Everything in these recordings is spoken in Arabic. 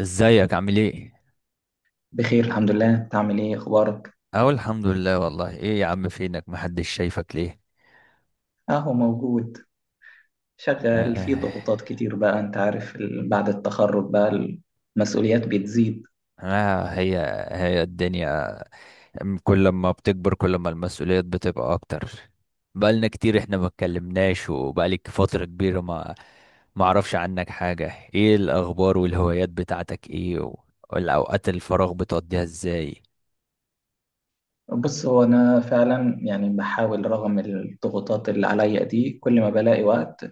ازيك عامل ايه؟ بخير الحمد لله، انت عامل ايه؟ اخبارك؟ اهو الحمد لله والله ايه يا عم فينك محدش شايفك ليه؟ اهو موجود. شغال في آه، ضغوطات كتير، بقى انت عارف بعد التخرج بقى، المسؤوليات بتزيد. انا هي هي الدنيا. كل ما بتكبر كل ما المسؤوليات بتبقى اكتر. بقالنا كتير احنا ما اتكلمناش وبقالك فترة كبيرة ما اعرفش عنك حاجة. ايه الاخبار والهوايات بتاعتك ايه والاوقات الفراغ بتقضيها ازاي؟ بص هو انا فعلا يعني بحاول رغم الضغوطات اللي عليا دي، كل ما بلاقي وقت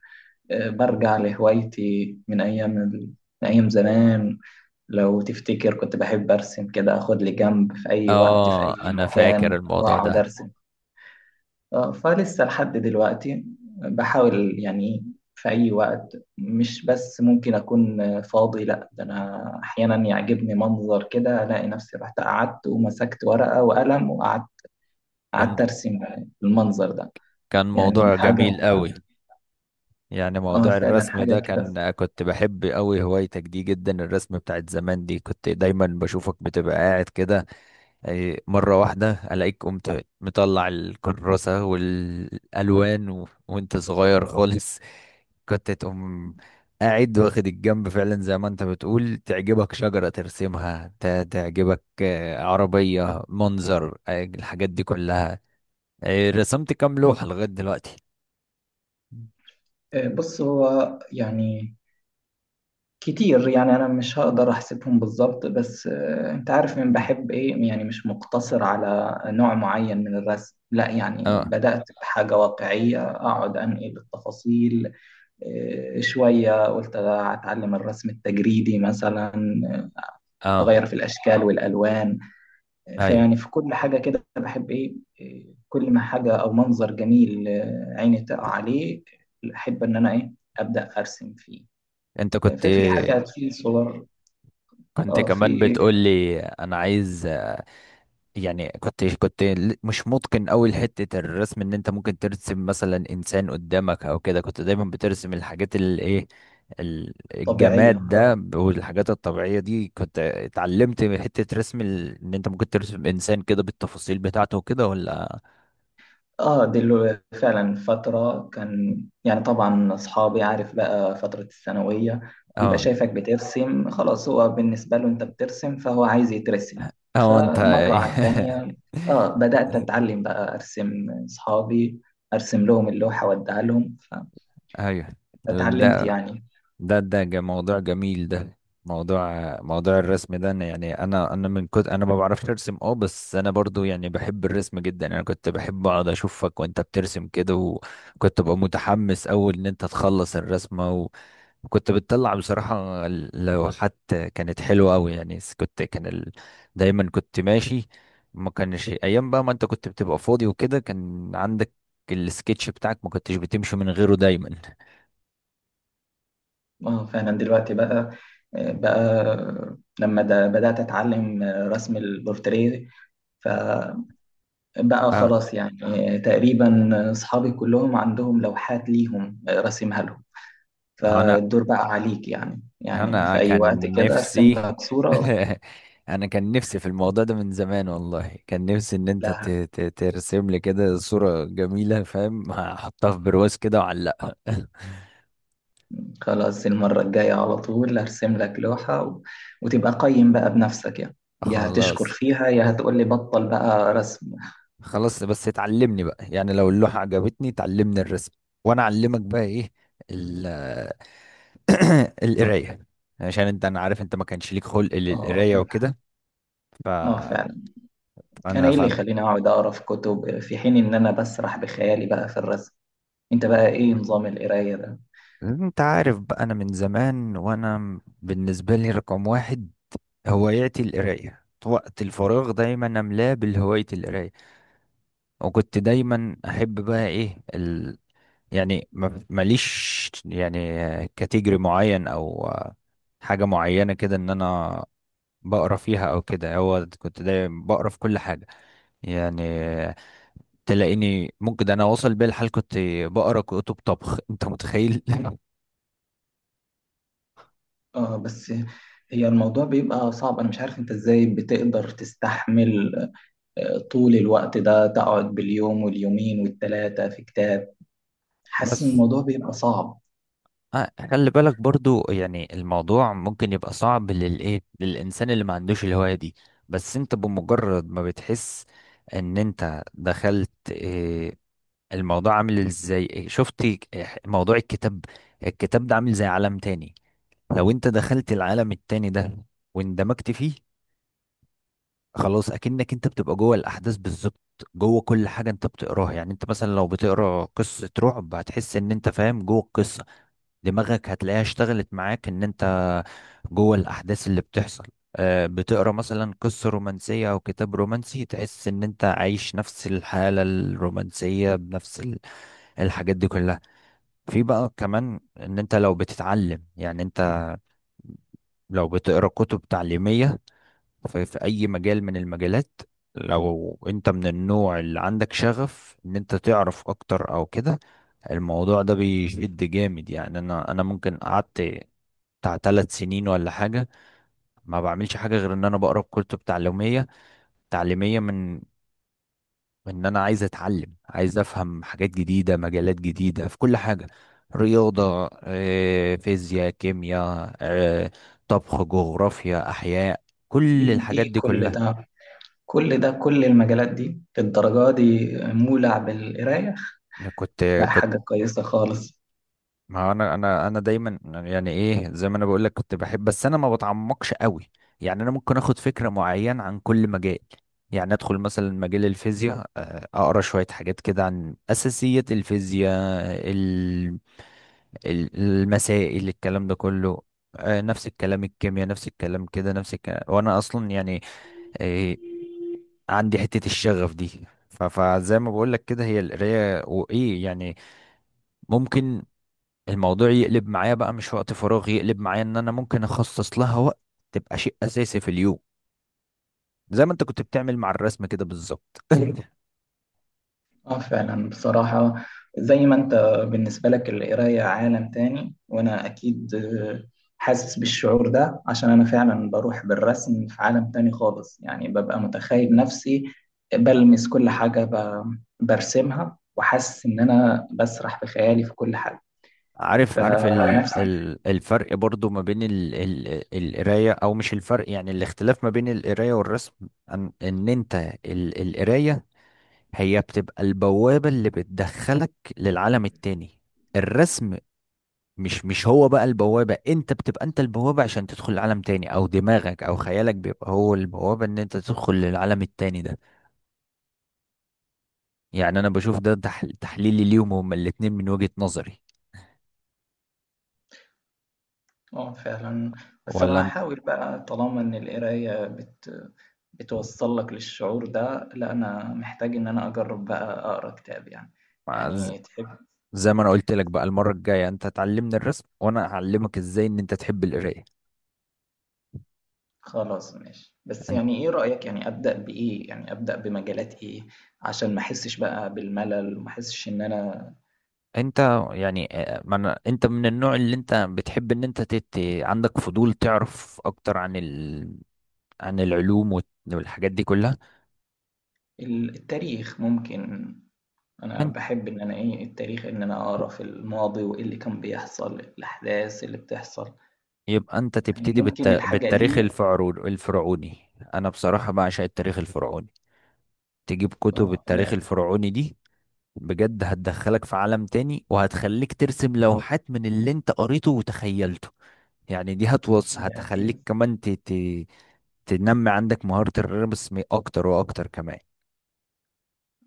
برجع لهوايتي من ايام زمان. لو تفتكر كنت بحب ارسم، كده اخد لي جنب في اي وقت في اي اه انا فاكر مكان الموضوع واقعد ده. ارسم. فلسه لحد دلوقتي، بحاول يعني. في أي وقت، مش بس ممكن أكون فاضي، لأ، ده أنا أحيانا يعجبني منظر كده ألاقي نفسي رحت قعدت ومسكت ورقة وقلم وقعدت، كان أرسم المنظر ده، كان يعني موضوع حاجة. جميل قوي. يعني آه موضوع فعلا الرسم ده حاجة كده. كان كنت بحب قوي هوايتك دي جدا، الرسم بتاعت زمان دي كنت دايما بشوفك بتبقى قاعد كده. أي مرة واحدة ألاقيك قمت مطلع الكراسة والألوان وانت صغير خالص. كنت تقوم قاعد واخد الجنب فعلا زي ما انت بتقول، تعجبك شجرة ترسمها، تعجبك عربية منظر، الحاجات دي كلها. رسمت كام لوحة لغاية دلوقتي؟ بص هو يعني كتير، يعني انا مش هقدر احسبهم بالظبط، بس انت عارف من مم. بحب ايه، يعني مش مقتصر على نوع معين من الرسم، لا يعني اه بدأت بحاجة واقعية اقعد انقل التفاصيل. شوية قلت اتعلم الرسم التجريدي مثلا، اه اغير في الاشكال والالوان. ايوه. فيعني في كل حاجة كده بحب ايه، كل ما حاجة او منظر جميل عيني تقع عليه، احب ان انا ايه، ابدأ ارسم فيه. انت كنت ففي حاجات في صور. كنت اه كمان في. بتقول لي انا عايز يعني كنت مش متقن قوي لحتة الرسم، ان انت ممكن ترسم مثلا انسان قدامك او كده. كنت دايما بترسم الحاجات اللي ايه طبيعية الجماد اه. ده والحاجات الطبيعية دي. كنت اتعلمت حتة رسم ان انت ممكن ترسم انسان كده بالتفاصيل بتاعته وكده ولا؟ اه دي اللي فعلا فترة كان، يعني طبعا أصحابي عارف بقى فترة الثانوية يبقى اه شايفك بترسم، خلاص هو بالنسبة له أنت بترسم فهو عايز يترسم. اه. انت. فمرة على التانية اه بدأت أتعلم بقى أرسم أصحابي، أرسم لهم اللوحة وأديها لهم، ايوه. فاتعلمت ده يعني. ده موضوع جميل ده. موضوع موضوع الرسم ده أنا يعني انا من كنت انا ما بعرفش ارسم، اه بس انا برضو يعني بحب الرسم جدا، يعني انا كنت بحب اقعد اشوفك وانت بترسم كده. وكنت ببقى متحمس اول ان انت تخلص الرسمة، وكنت بتطلع بصراحة اللوحات كانت حلوة قوي، يعني كنت كان دايما كنت ماشي، ما كانش ايام بقى ما انت كنت بتبقى فاضي وكده كان عندك السكتش بتاعك، ما كنتش بتمشي من غيره دايما. اه فعلا دلوقتي بقى، لما ده بدأت أتعلم رسم البورتريه، ف بقى اه خلاص يعني. تقريبا أصحابي كلهم عندهم لوحات ليهم، راسمها لهم، انا فالدور بقى عليك يعني انا في أي وقت كان كده أرسم نفسي. لك صورة. انا كان نفسي في الموضوع ده من زمان والله، كان نفسي ان انت لا ترسم لي كده صورة جميلة فاهم، احطها في برواز كده واعلقها. خلاص، المرة الجاية على طول أرسم لك لوحة، و... وتبقى قيم بقى بنفسك يعني، يا هتشكر خلاص فيها يا هتقول لي بطل بقى رسم. خلاص بس اتعلمني بقى، يعني لو اللوحة عجبتني تعلمني الرسم، وانا اعلمك بقى ايه ال القراية. عشان انت، انا عارف انت ما كانش ليك خلق اه للقراية وكده. ف- اه فعلا، انا فانا ايه اللي فن. يخليني اقعد اقرا في كتب في حين ان انا بسرح بخيالي بقى في الرسم؟ انت بقى ايه نظام القراية ده؟ انت عارف بقى، انا من زمان وانا بالنسبه لي رقم واحد هواياتي القرايه، وقت الفراغ دايما املاه بالهوايه القرايه. وكنت دايما احب بقى ايه يعني ماليش يعني كاتيجوري معين او حاجه معينه كده ان انا بقرا فيها او كده، هو كنت دايما بقرا في كل حاجه. يعني تلاقيني ممكن ده انا واصل بيا الحال كنت بقرا كتب طبخ، انت متخيل؟ اه بس هي الموضوع بيبقى صعب، انا مش عارف انت ازاي بتقدر تستحمل طول الوقت ده، تقعد باليوم واليومين والتلاتة في كتاب، حاسس ان بس الموضوع بيبقى صعب. خلي بالك برضو، يعني الموضوع ممكن يبقى صعب للايه، للانسان اللي ما عندوش الهواية دي. بس انت بمجرد ما بتحس ان انت دخلت إيه، الموضوع عامل ازاي، إيه، شفت إيه، موضوع الكتاب. الكتاب ده عامل زي عالم تاني، لو انت دخلت العالم التاني ده واندمجت فيه، خلاص اكنك انت بتبقى جوه الاحداث بالظبط، جوه كل حاجة انت بتقراها. يعني انت مثلا لو بتقرا قصة رعب هتحس ان انت فاهم جوه القصة، دماغك هتلاقيها اشتغلت معاك ان انت جوه الاحداث اللي بتحصل. بتقرا مثلا قصه رومانسيه او كتاب رومانسي تحس ان انت عايش نفس الحاله الرومانسيه بنفس الحاجات دي كلها. في بقى كمان ان انت لو بتتعلم، يعني انت لو بتقرا كتب تعليميه في في اي مجال من المجالات، لو انت من النوع اللي عندك شغف ان انت تعرف اكتر او كده، الموضوع ده بيشد جامد. يعني انا ممكن قعدت بتاع ثلاث سنين ولا حاجة ما بعملش حاجة غير ان انا بقرا كتب تعليمية من ان انا عايز اتعلم، عايز افهم حاجات جديدة مجالات جديدة في كل حاجة. رياضة، فيزياء، كيمياء، طبخ، جغرافيا، احياء، كل ايه الحاجات إيه دي كل كلها. ده، كل ده، كل المجالات دي الدرجة دي مولع بالقراية؟ كنت لا كنت حاجة كويسة خالص. ما هو انا دايما، يعني ايه، زي ما انا بقول لك كنت بحب، بس انا ما بتعمقش قوي. يعني انا ممكن اخد فكره معينه عن كل مجال، يعني ادخل مثلا مجال الفيزياء اقرا شويه حاجات كده عن اساسيات الفيزياء، ال- المسائل، الكلام ده كله. نفس الكلام الكيمياء، نفس الكلام كده، نفس الكلام. وانا اصلا يعني آه، عندي حته الشغف دي، فزي ما بقول لك كده، هي القرايه وايه يعني، ممكن الموضوع يقلب معايا بقى مش وقت فراغ، يقلب معايا ان انا ممكن اخصص لها وقت، تبقى شيء اساسي في اليوم زي ما انت كنت بتعمل مع الرسم كده بالظبط. اه فعلا بصراحة، زي ما انت بالنسبة لك القراية عالم تاني، وانا اكيد حاسس بالشعور ده عشان انا فعلا بروح بالرسم في عالم تاني خالص، يعني ببقى متخيل نفسي بلمس كل حاجة برسمها وحاسس ان انا بسرح في خيالي في كل حاجة. عارف عارف ال فنفس ال الفرق برضو ما بين ال القراية، او مش الفرق، يعني الاختلاف ما بين القراية والرسم، ان, ان انت القراية هي بتبقى البوابة اللي بتدخلك للعالم التاني. الرسم مش هو بقى البوابة، انت بتبقى انت البوابة عشان تدخل العالم تاني، او دماغك او خيالك بيبقى هو البوابة ان انت تدخل للعالم التاني ده. يعني انا بشوف ده تحليلي ليهم هما الاتنين من وجهة نظري، آه فعلًا، بس أنا ولا انت؟ هاحاول بقى، طالما إن القراية بتوصّل لك للشعور ده، لأ أنا محتاج إن أنا أجرّب بقى أقرا كتاب يعني، ز- يعني تحب. زي ما انا قلت لك بقى، المرة الجاية انت تعلمني الرسم وانا اعلمك ازاي ان انت تحب القراية. خلاص ماشي، بس انت يعني إيه رأيك، يعني أبدأ بإيه؟ يعني أبدأ بمجالات إيه؟ عشان ما أحسّش بقى بالملل وما أحسّش إن أنا. انت يعني ما أنا انت من النوع اللي انت بتحب ان انت عندك فضول تعرف اكتر عن عن العلوم والحاجات دي كلها. التاريخ ممكن، أنا باحب إن أنا إيه، التاريخ، إن أنا أقرا في الماضي وإيه اللي كان بيحصل، الأحداث اللي بتحصل، يبقى انت يعني تبتدي ممكن الحاجة بالتاريخ دي. الفرعوني. انا بصراحة بعشق التاريخ الفرعوني، تجيب كتب التاريخ لأ. الفرعوني دي بجد هتدخلك في عالم تاني، وهتخليك ترسم لوحات من اللي انت قريته وتخيلته. يعني دي يا إيه هتخليك كمان تنمي عندك مهارة الرسم اكتر واكتر كمان.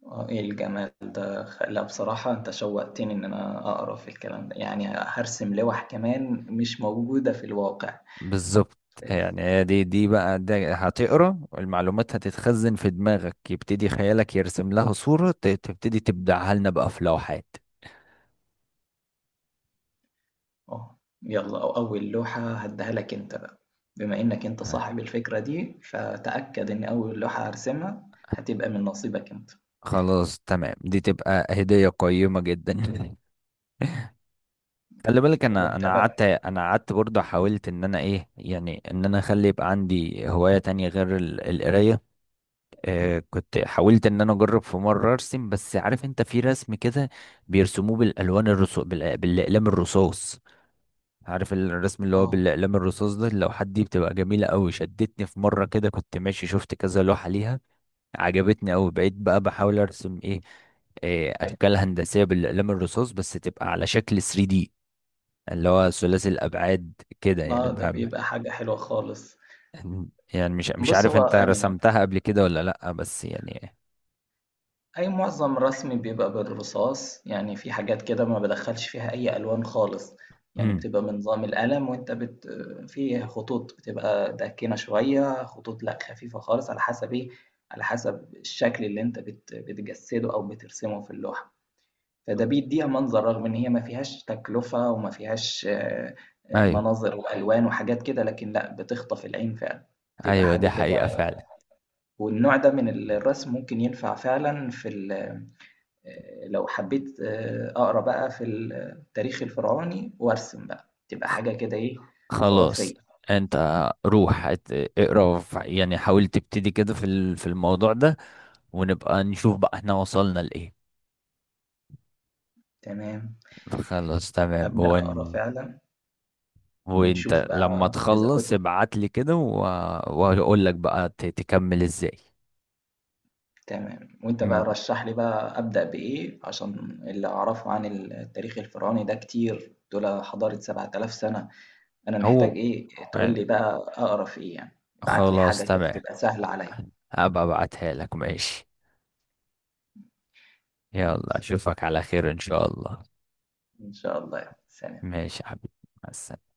آه، إيه الجمال ده. لا بصراحة أنت شوقتني إن أنا أقرأ في الكلام ده، يعني هرسم لوح كمان مش موجودة في الواقع، بالظبط. فدي. يعني هي دي بقى ده هتقرا المعلومات هتتخزن في دماغك، يبتدي خيالك يرسم لها صورة، تبتدي تبدعها لنا بقى في لوحات. أه يلا، أو أول لوحة هديها لك أنت بقى، بما إنك أنت صاحب الفكرة دي فتأكد إن أول لوحة هرسمها هتبقى من نصيبك أنت. خلاص تمام دي تبقى هدية قيمة جدا. خلي بالك، انا وأنت انا بقى. قعدت قعدت برضه، حاولت ان انا ايه يعني، ان انا اخلي يبقى عندي هواية تانية غير القراية. آه كنت حاولت ان انا اجرب في مرة ارسم، بس عارف انت في رسم كده بيرسموه بالالوان الرصاص، بالاقلام الرصاص. عارف الرسم اللي هو أه. بالاقلام الرصاص ده اللوحات دي بتبقى جميلة قوي. شدتني في مرة كده كنت ماشي شفت كذا لوحة ليها عجبتني أوي. بقيت بقى بحاول أرسم إيه، اشكال هندسيه بالاقلام الرصاص بس تبقى على شكل 3D، اللي هو ثلاثي الابعاد كده يعني ده بقى. بيبقى حاجة حلوة خالص. يعني مش بص عارف هو، انت رسمتها قبل كده ولا لا، بس يعني. أي معظم رسمي بيبقى بالرصاص، يعني في حاجات كده ما بادخّلش فيها أي ألوان خالص، يعني امم. بتبقى من نظام القلم، وأنت في خطوط بتبقى داكنة شوية، خطوط لأ خفيفة خالص، على حسب إيه، على حسب الشكل اللي أنت بتجسّده أو بترسمه في اللوحة، فده بيدّيها منظر، رغم إن هي ما فيهاش تكلفة وما فيهاش ايوه، مناظر وألوان وحاجات كده، لكن لأ بتخطف العين فعلًا، بتبقى ايوه حاجة دي حقيقة كده. فعلا. والنوع ده من الرسم ممكن ينفع فعلًا في ال لو حبيت أقرا بقى في التاريخ الفرعوني وأرسم بقى، تبقى حاجة كده إيه، خلاص خرافية. انت روح اقرا يعني حاول تبتدي كده في في الموضوع ده، ونبقى نشوف بقى احنا وصلنا لايه. تمام، خلاص تمام. أبدأ هو أقرا فعلًا وانت ونشوف لما بقى إذا كنت. تخلص ابعت لي كده واقول لك بقى تكمل ازاي. تمام، وأنت بقى امم رشّح لي بقى أبدأ بإيه، عشان اللي أعرفه عن التاريخ الفرعوني ده كتير، دول حضارة 7,000 سنة، أنا هو محتاج إيه، تقول لي بقى أقرا في إيه يعني، ابعت لي خلاص حاجة كده تمام، تبقى سهلة عليّا. هبقى ابعتها لك ماشي. يلا ماشي، اشوفك على خير ان شاء الله. إن شاء الله، سلام. ماشي يا حبيبي، مع السلامة.